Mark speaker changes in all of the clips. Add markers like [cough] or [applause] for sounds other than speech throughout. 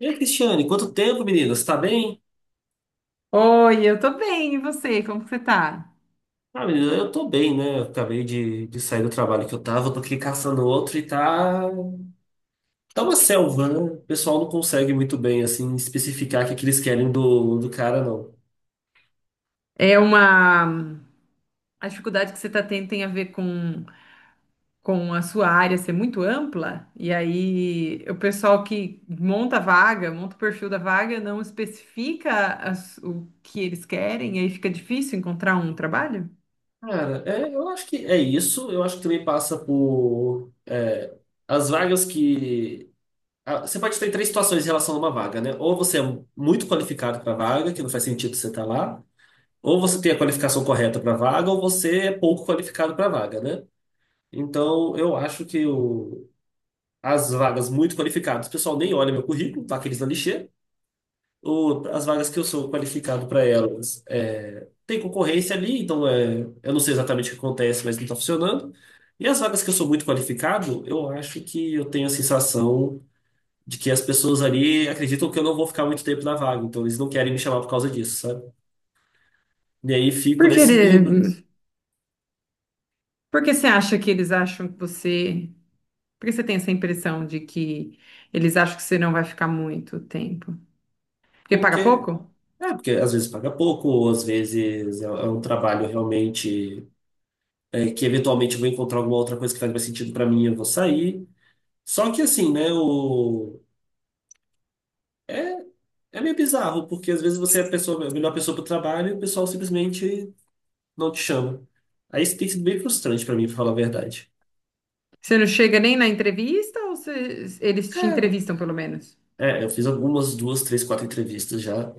Speaker 1: E aí, Cristiane, quanto tempo, menina? Você tá bem?
Speaker 2: Oi, eu tô bem, e você? Como que você tá?
Speaker 1: Ah, menina, eu tô bem, né? Eu acabei de sair do trabalho que tô aqui caçando outro e tá. Tá uma selva, né? O pessoal não consegue muito bem, assim, especificar o que, que eles querem do cara, não.
Speaker 2: É uma... A dificuldade que você tá tendo tem a ver com a sua área ser muito ampla, e aí o pessoal que monta a vaga, monta o perfil da vaga, não especifica o que eles querem, e aí fica difícil encontrar um trabalho?
Speaker 1: Cara, eu acho que é isso. Eu acho que também passa por. É, as vagas que. Ah, Você pode ter três situações em relação a uma vaga, né? Ou você é muito qualificado pra vaga, que não faz sentido você estar lá. Ou você tem a qualificação correta pra vaga, ou você é pouco qualificado pra vaga, né? Então, eu acho que as vagas muito qualificadas, o pessoal nem olha meu currículo, tá aqueles na lixeira. As vagas que eu sou qualificado para elas, tem concorrência ali, então, eu não sei exatamente o que acontece, mas não está funcionando. E as vagas que eu sou muito qualificado, eu acho que eu tenho a sensação de que as pessoas ali acreditam que eu não vou ficar muito tempo na vaga, então eles não querem me chamar por causa disso, sabe? E aí fico
Speaker 2: Por que
Speaker 1: nesse limbo,
Speaker 2: ele... Por que você acha que eles acham que você... Por que você tem essa impressão de que eles acham que você não vai ficar muito tempo? Porque paga
Speaker 1: porque,
Speaker 2: pouco?
Speaker 1: porque às vezes paga pouco, ou às vezes é um trabalho realmente. Que eventualmente eu vou encontrar alguma outra coisa que faz mais sentido pra mim, eu vou sair. Só que assim, né, é, é meio bizarro, porque às vezes você é a pessoa, a melhor pessoa pro trabalho e o pessoal simplesmente não te chama. Aí isso tem sido bem frustrante pra mim, pra falar a verdade.
Speaker 2: Você não chega nem na entrevista ou eles te
Speaker 1: Cara,
Speaker 2: entrevistam pelo menos?
Speaker 1: eu fiz algumas, duas, três, quatro entrevistas já,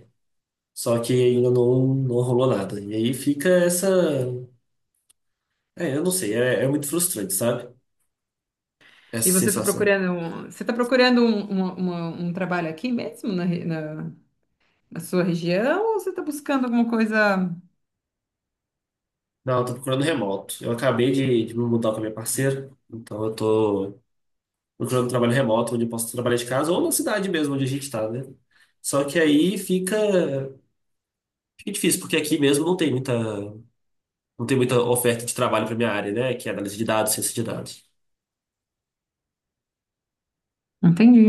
Speaker 1: só que ainda não, não rolou nada. E aí fica essa. É, eu não sei, é muito frustrante, sabe?
Speaker 2: E
Speaker 1: Essa
Speaker 2: você está
Speaker 1: sensação.
Speaker 2: procurando, você está procurando um trabalho aqui mesmo na sua região ou você está buscando alguma coisa?
Speaker 1: Não, eu tô procurando remoto. Eu acabei de me mudar com a minha parceira, então eu tô procurando um trabalho remoto, onde eu posso trabalhar de casa, ou na cidade mesmo, onde a gente está, né? Só que aí fica difícil, porque aqui mesmo não tem muita oferta de trabalho para minha área, né? Que é análise de dados, ciência de dados.
Speaker 2: Entendi.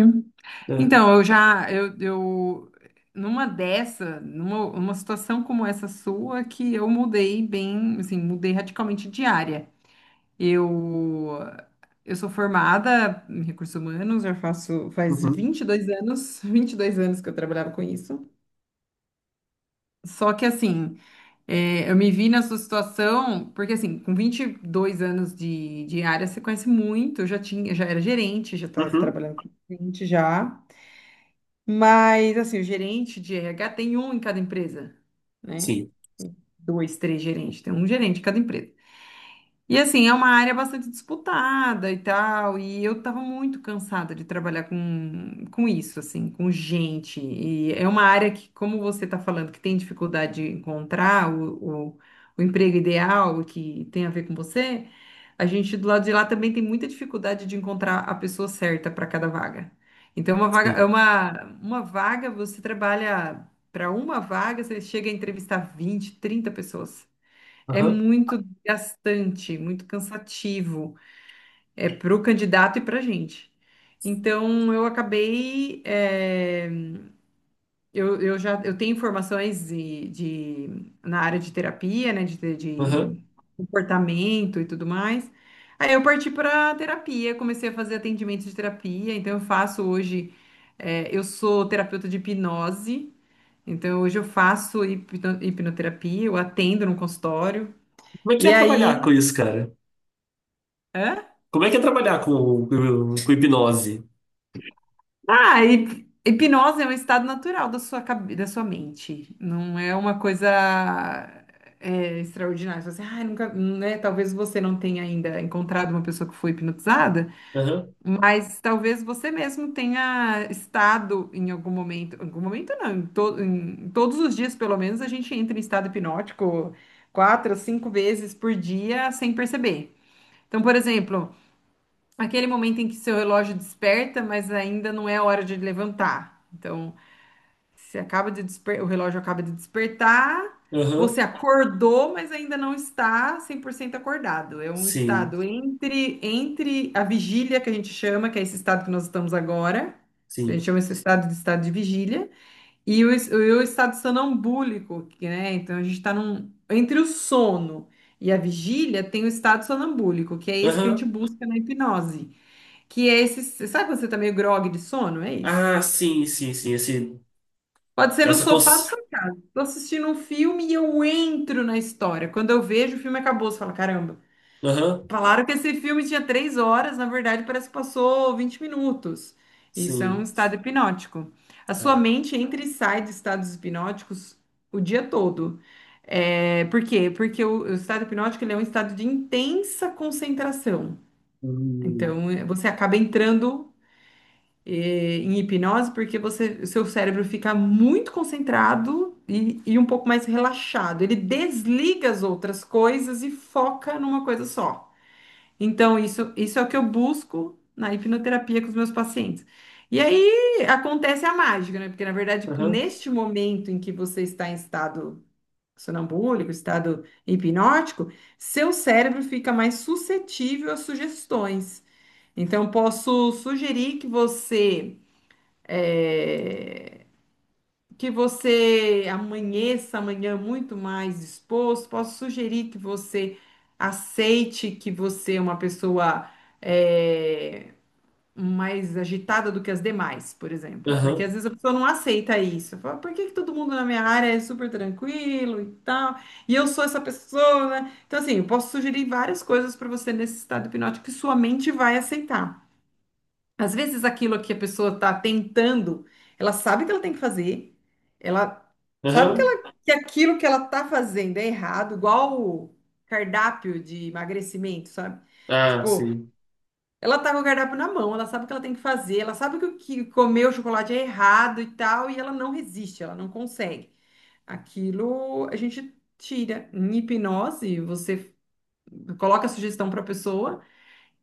Speaker 1: É.
Speaker 2: Então, eu numa situação como essa sua, que eu mudei bem, assim, mudei radicalmente de área. Eu, eu sou formada em recursos humanos, eu faço faz
Speaker 1: Uhum.
Speaker 2: 22 anos, [laughs] 22 anos que eu trabalhava com isso. Só que assim, eu me vi nessa situação, porque assim, com 22 anos de área, você conhece muito, eu já tinha, já era gerente, já estava
Speaker 1: Uhum.
Speaker 2: trabalhando com gerente já. Mas assim, o gerente de RH tem um em cada empresa, né?
Speaker 1: Sim,
Speaker 2: Dois, três gerentes, tem um gerente em cada empresa. E assim, é uma área bastante disputada e tal, e eu tava muito cansada de trabalhar com isso, assim, com gente. E é uma área que, como você tá falando, que tem dificuldade de encontrar o emprego ideal que tem a ver com você, a gente do lado de lá também tem muita dificuldade de encontrar a pessoa certa para cada vaga. Então, uma vaga, é
Speaker 1: sim.
Speaker 2: uma vaga, você trabalha para uma vaga, você chega a entrevistar 20, 30 pessoas. É
Speaker 1: Aham.
Speaker 2: muito desgastante, muito cansativo, é para o candidato e para a gente. Então, eu acabei, eu tenho informações na área de terapia, né,
Speaker 1: Aham.
Speaker 2: de comportamento e tudo mais. Aí eu parti para terapia, comecei a fazer atendimento de terapia. Então, eu faço hoje, eu sou terapeuta de hipnose. Então, hoje eu faço hipnoterapia, eu atendo no consultório.
Speaker 1: Como é que
Speaker 2: E
Speaker 1: é trabalhar
Speaker 2: aí,
Speaker 1: com isso, cara?
Speaker 2: Hã?
Speaker 1: Como é que é trabalhar com hipnose?
Speaker 2: Ah, hipnose é um estado natural da sua mente. Não é uma coisa extraordinária. Você, ah, nunca, né? Talvez você não tenha ainda encontrado uma pessoa que foi hipnotizada,
Speaker 1: Aham.
Speaker 2: mas talvez você mesmo tenha estado em algum momento não, em todos os dias, pelo menos, a gente entra em estado hipnótico quatro, cinco vezes por dia sem perceber. Então, por exemplo. Aquele momento em que seu relógio desperta, mas ainda não é a hora de levantar. Então, você acaba de desper... o relógio acaba de despertar,
Speaker 1: Aham.
Speaker 2: você acordou, mas ainda não está 100% acordado. É um
Speaker 1: Sim,
Speaker 2: estado entre a vigília que a gente chama, que é esse estado que nós estamos agora. Então, a gente
Speaker 1: sim.
Speaker 2: chama esse estado de vigília, o estado sonambúlico, que, né? Então, a gente está num entre o sono e a vigília tem o estado sonambúlico, que é esse que a gente
Speaker 1: Aham.
Speaker 2: busca na hipnose. Que é esse. Sabe quando você tá meio grogue de sono? É isso.
Speaker 1: Ah, sim, sim, sim.
Speaker 2: Pode ser no
Speaker 1: Essa
Speaker 2: sofá do
Speaker 1: cons...
Speaker 2: seu casa. Tô assistindo um filme e eu entro na história. Quando eu vejo, o filme acabou. Você fala, caramba,
Speaker 1: Aham.
Speaker 2: falaram que esse filme tinha 3 horas, na verdade parece que passou 20 minutos. Isso é um
Speaker 1: Sim.
Speaker 2: estado hipnótico. A sua
Speaker 1: Ah,
Speaker 2: mente entra e sai de estados hipnóticos o dia todo. É, por quê? Porque o estado hipnótico ele é um estado de intensa concentração.
Speaker 1: hum.
Speaker 2: Então, você acaba entrando em hipnose, porque o seu cérebro fica muito concentrado e um pouco mais relaxado. Ele desliga as outras coisas e foca numa coisa só. Então, isso é o que eu busco na hipnoterapia com os meus pacientes. E aí acontece a mágica, né? Porque, na verdade,
Speaker 1: Aham.
Speaker 2: neste momento em que você está em estado sonambúlico, estado hipnótico, seu cérebro fica mais suscetível a sugestões. Então, posso sugerir que você é, amanheça amanhã muito mais disposto. Posso sugerir que você aceite que você é uma pessoa é, mais agitada do que as demais, por exemplo,
Speaker 1: Aham,
Speaker 2: porque às vezes a pessoa não aceita isso. Fala, por que que todo mundo na minha área é super tranquilo e tal, e eu sou essa pessoa, né? Então, assim, eu posso sugerir várias coisas para você nesse estado hipnótico que sua mente vai aceitar. Às vezes aquilo que a pessoa está tentando, ela sabe que ela tem que fazer, ela sabe que,
Speaker 1: aham.
Speaker 2: ela, que aquilo que ela está fazendo é errado, igual o cardápio de emagrecimento, sabe?
Speaker 1: Ah,
Speaker 2: Tipo,
Speaker 1: sim.
Speaker 2: ela tá com o cardápio na mão, ela sabe o que ela tem que fazer, ela sabe que, o que comer o chocolate é errado e tal, e ela não resiste, ela não consegue. Aquilo a gente tira. Em hipnose, você coloca a sugestão para a pessoa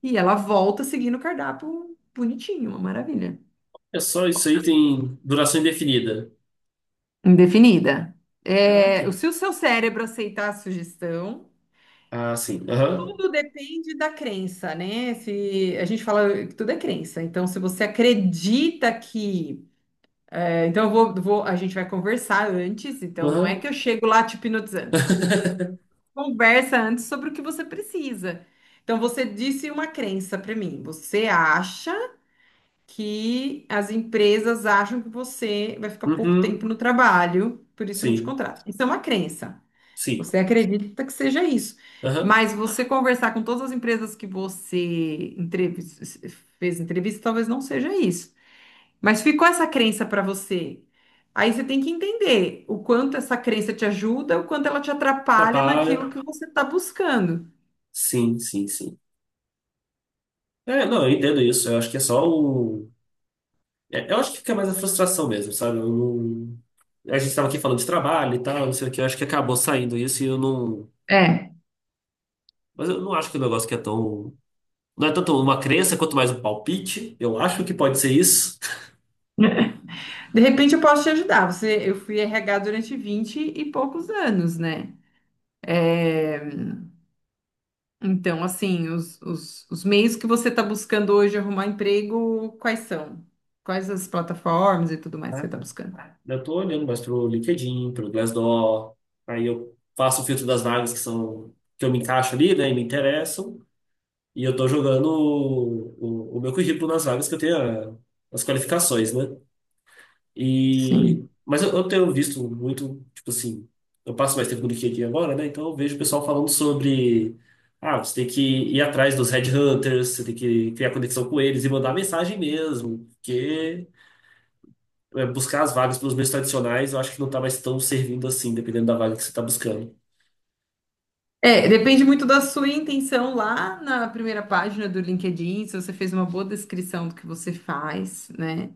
Speaker 2: e ela volta seguindo o cardápio bonitinho, uma maravilha.
Speaker 1: É só isso aí, tem duração indefinida.
Speaker 2: Indefinida.
Speaker 1: Caraca.
Speaker 2: É, se o seu cérebro aceitar a sugestão,
Speaker 1: Ah, sim. Aham,
Speaker 2: tudo depende da crença, né? Se a gente fala que tudo é crença, então se você acredita que, então a gente vai conversar antes, então não é
Speaker 1: aham.
Speaker 2: que eu chego lá te hipnotizando. A gente
Speaker 1: [laughs]
Speaker 2: conversa antes sobre o que você precisa. Então você disse uma crença para mim. Você acha que as empresas acham que você vai ficar pouco tempo
Speaker 1: Uhum.
Speaker 2: no trabalho, por isso não te
Speaker 1: Sim,
Speaker 2: contratam. Isso é uma crença.
Speaker 1: sim.
Speaker 2: Você acredita que seja isso.
Speaker 1: Aham.
Speaker 2: Mas você conversar com todas as empresas que você fez entrevista, talvez não seja isso. Mas ficou essa crença para você. Aí você tem que entender o quanto essa crença te ajuda, o quanto ela te
Speaker 1: Já
Speaker 2: atrapalha
Speaker 1: para.
Speaker 2: naquilo que você está buscando.
Speaker 1: Sim, sim, sim. É, não, eu entendo isso. Eu acho que é só o. Eu acho que fica mais a frustração mesmo, sabe? Eu não. A gente estava aqui falando de trabalho e tal, não sei o que. Eu acho que acabou saindo isso e eu não.
Speaker 2: É.
Speaker 1: Mas eu não acho que o negócio que é tão. Não é tanto uma crença quanto mais um palpite. Eu acho que pode ser isso.
Speaker 2: De repente eu posso te ajudar. Eu fui RH durante 20 e poucos anos, né? É, Então, assim, os meios que você está buscando hoje arrumar emprego, quais são? Quais as plataformas e tudo mais que
Speaker 1: Tá?
Speaker 2: você está buscando?
Speaker 1: Eu estou olhando mais pro LinkedIn, pro Glassdoor. Aí eu faço o filtro das vagas que são que eu me encaixo ali, né, e me interessam. E eu estou jogando o meu currículo nas vagas que eu tenho as qualificações, né? E,
Speaker 2: Sim.
Speaker 1: mas eu tenho visto muito, tipo assim, eu passo mais tempo do que aqui agora, né? Então eu vejo o pessoal falando sobre, você tem que ir atrás dos headhunters, você tem que criar conexão com eles e mandar mensagem mesmo, porque buscar as vagas pelos meios tradicionais, eu acho que não tá mais tão servindo assim, dependendo da vaga que você está buscando.
Speaker 2: Depende muito da sua intenção lá na primeira página do LinkedIn, se você fez uma boa descrição do que você faz, né?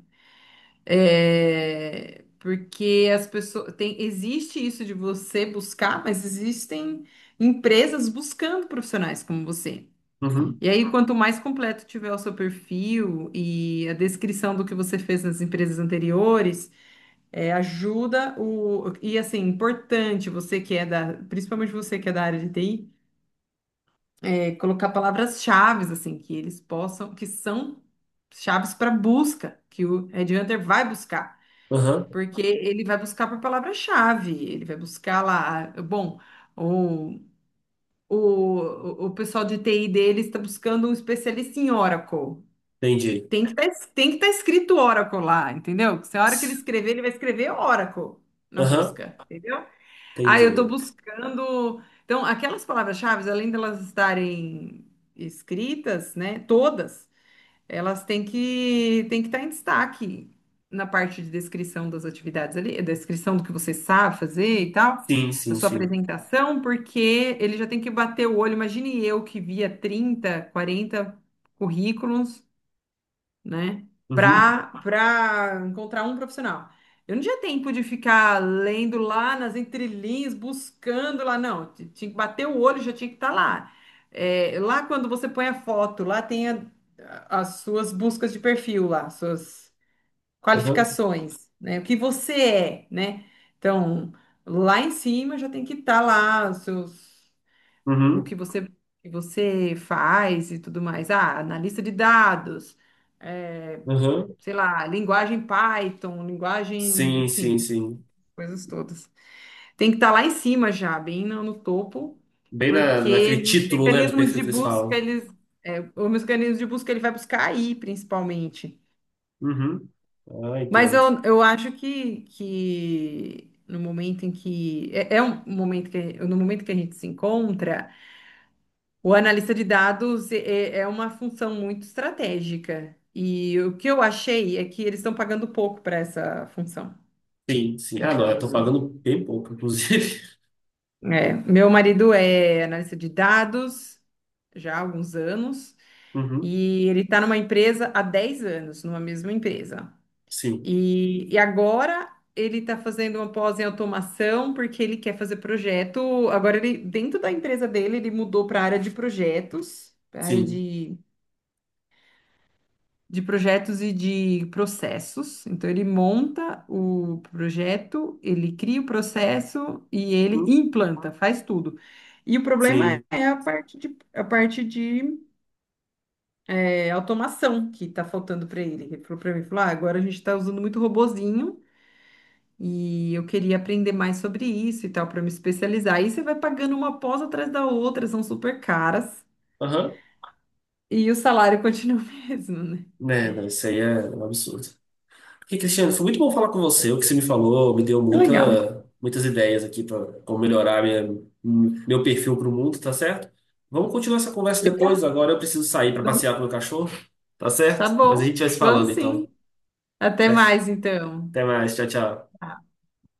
Speaker 2: É, porque as pessoas tem, existe isso de você buscar, mas existem empresas buscando profissionais como você.
Speaker 1: Uhum.
Speaker 2: E aí, quanto mais completo tiver o seu perfil e a descrição do que você fez nas empresas anteriores, ajuda o. E assim, importante você que principalmente você que é da área de TI, colocar palavras-chaves assim, que eles possam, que são chaves para busca, que o headhunter vai buscar.
Speaker 1: Aham,
Speaker 2: Porque ele vai buscar por palavra-chave, ele vai buscar lá, bom, o, o pessoal de TI deles está buscando um especialista em Oracle.
Speaker 1: entendi.
Speaker 2: Tem que estar escrito Oracle lá, entendeu? Se a hora que ele escrever, ele vai escrever Oracle na
Speaker 1: Aham,
Speaker 2: busca, entendeu? Ah, eu estou
Speaker 1: entendi.
Speaker 2: buscando. Então, aquelas palavras-chave, além de elas estarem escritas, né, todas, elas têm que estar em destaque na parte de descrição das atividades ali, a descrição do que você sabe fazer e tal,
Speaker 1: Sim,
Speaker 2: a
Speaker 1: sim,
Speaker 2: sua
Speaker 1: sim.
Speaker 2: apresentação, porque ele já tem que bater o olho. Imagine eu que via 30, 40 currículos né?
Speaker 1: Uhum,
Speaker 2: Para encontrar um profissional. Eu não tinha tempo de ficar lendo lá nas entrelinhas, buscando lá, não. Tinha que bater o olho, já tinha que estar lá. É, lá quando você põe a foto, lá tem as suas buscas de perfil lá, suas
Speaker 1: aham,
Speaker 2: qualificações, né? O que você é, né? Então, lá em cima já tem que estar lá os seus,
Speaker 1: uhum,
Speaker 2: o que você faz e tudo mais. Ah, analista de dados é,
Speaker 1: aham.
Speaker 2: sei lá, linguagem Python, linguagem,
Speaker 1: Sim, sim,
Speaker 2: enfim,
Speaker 1: sim.
Speaker 2: coisas todas. Tem que estar lá em cima já, bem no topo,
Speaker 1: Bem
Speaker 2: porque
Speaker 1: naquele
Speaker 2: nos
Speaker 1: título, né, do
Speaker 2: mecanismos
Speaker 1: perfil
Speaker 2: de
Speaker 1: que eles
Speaker 2: busca,
Speaker 1: falam.
Speaker 2: o mecanismo de busca ele vai buscar aí, principalmente.
Speaker 1: Uhum. Ah,
Speaker 2: Mas
Speaker 1: entendo.
Speaker 2: eu acho que no momento em que é um momento que no momento que a gente se encontra, o analista de dados é uma função muito estratégica. E o que eu achei é que eles estão pagando pouco para essa função.
Speaker 1: Sim, sim. Ah, não,
Speaker 2: Então,
Speaker 1: eu tô pagando bem pouco, inclusive. [laughs]
Speaker 2: meu marido é analista de dados já há alguns anos
Speaker 1: Uhum.
Speaker 2: e ele está numa empresa há 10 anos, numa mesma empresa.
Speaker 1: Sim,
Speaker 2: E agora ele está fazendo uma pós em automação porque ele quer fazer projeto. Agora ele, dentro da empresa dele, ele mudou para a área de projetos, para a área
Speaker 1: sim.
Speaker 2: de projetos e de processos. Então, ele monta o projeto, ele cria o processo e ele
Speaker 1: Uhum.
Speaker 2: implanta, faz tudo. E o problema
Speaker 1: Sim.
Speaker 2: é a parte de automação que está faltando para ele. Ele falou para mim, falou, ah, agora a gente está usando muito robozinho e eu queria aprender mais sobre isso e tal, para me especializar. Aí você vai pagando uma pós atrás da outra, são super caras
Speaker 1: Aham.
Speaker 2: e o salário continua [laughs] o mesmo, né?
Speaker 1: Né, não, isso aí é um absurdo. Porque, Cristiano, foi muito bom falar com você. O que você me falou me deu
Speaker 2: É legal.
Speaker 1: muita, muitas ideias aqui para como melhorar minha, meu perfil para o mundo, tá certo? Vamos continuar essa conversa
Speaker 2: Legal.
Speaker 1: depois. Agora eu preciso sair para passear com o meu cachorro, tá
Speaker 2: Tá
Speaker 1: certo? Mas a
Speaker 2: bom,
Speaker 1: gente vai se
Speaker 2: vamos
Speaker 1: falando
Speaker 2: sim.
Speaker 1: então,
Speaker 2: Até
Speaker 1: certo?
Speaker 2: mais, então.
Speaker 1: Até mais, tchau, tchau.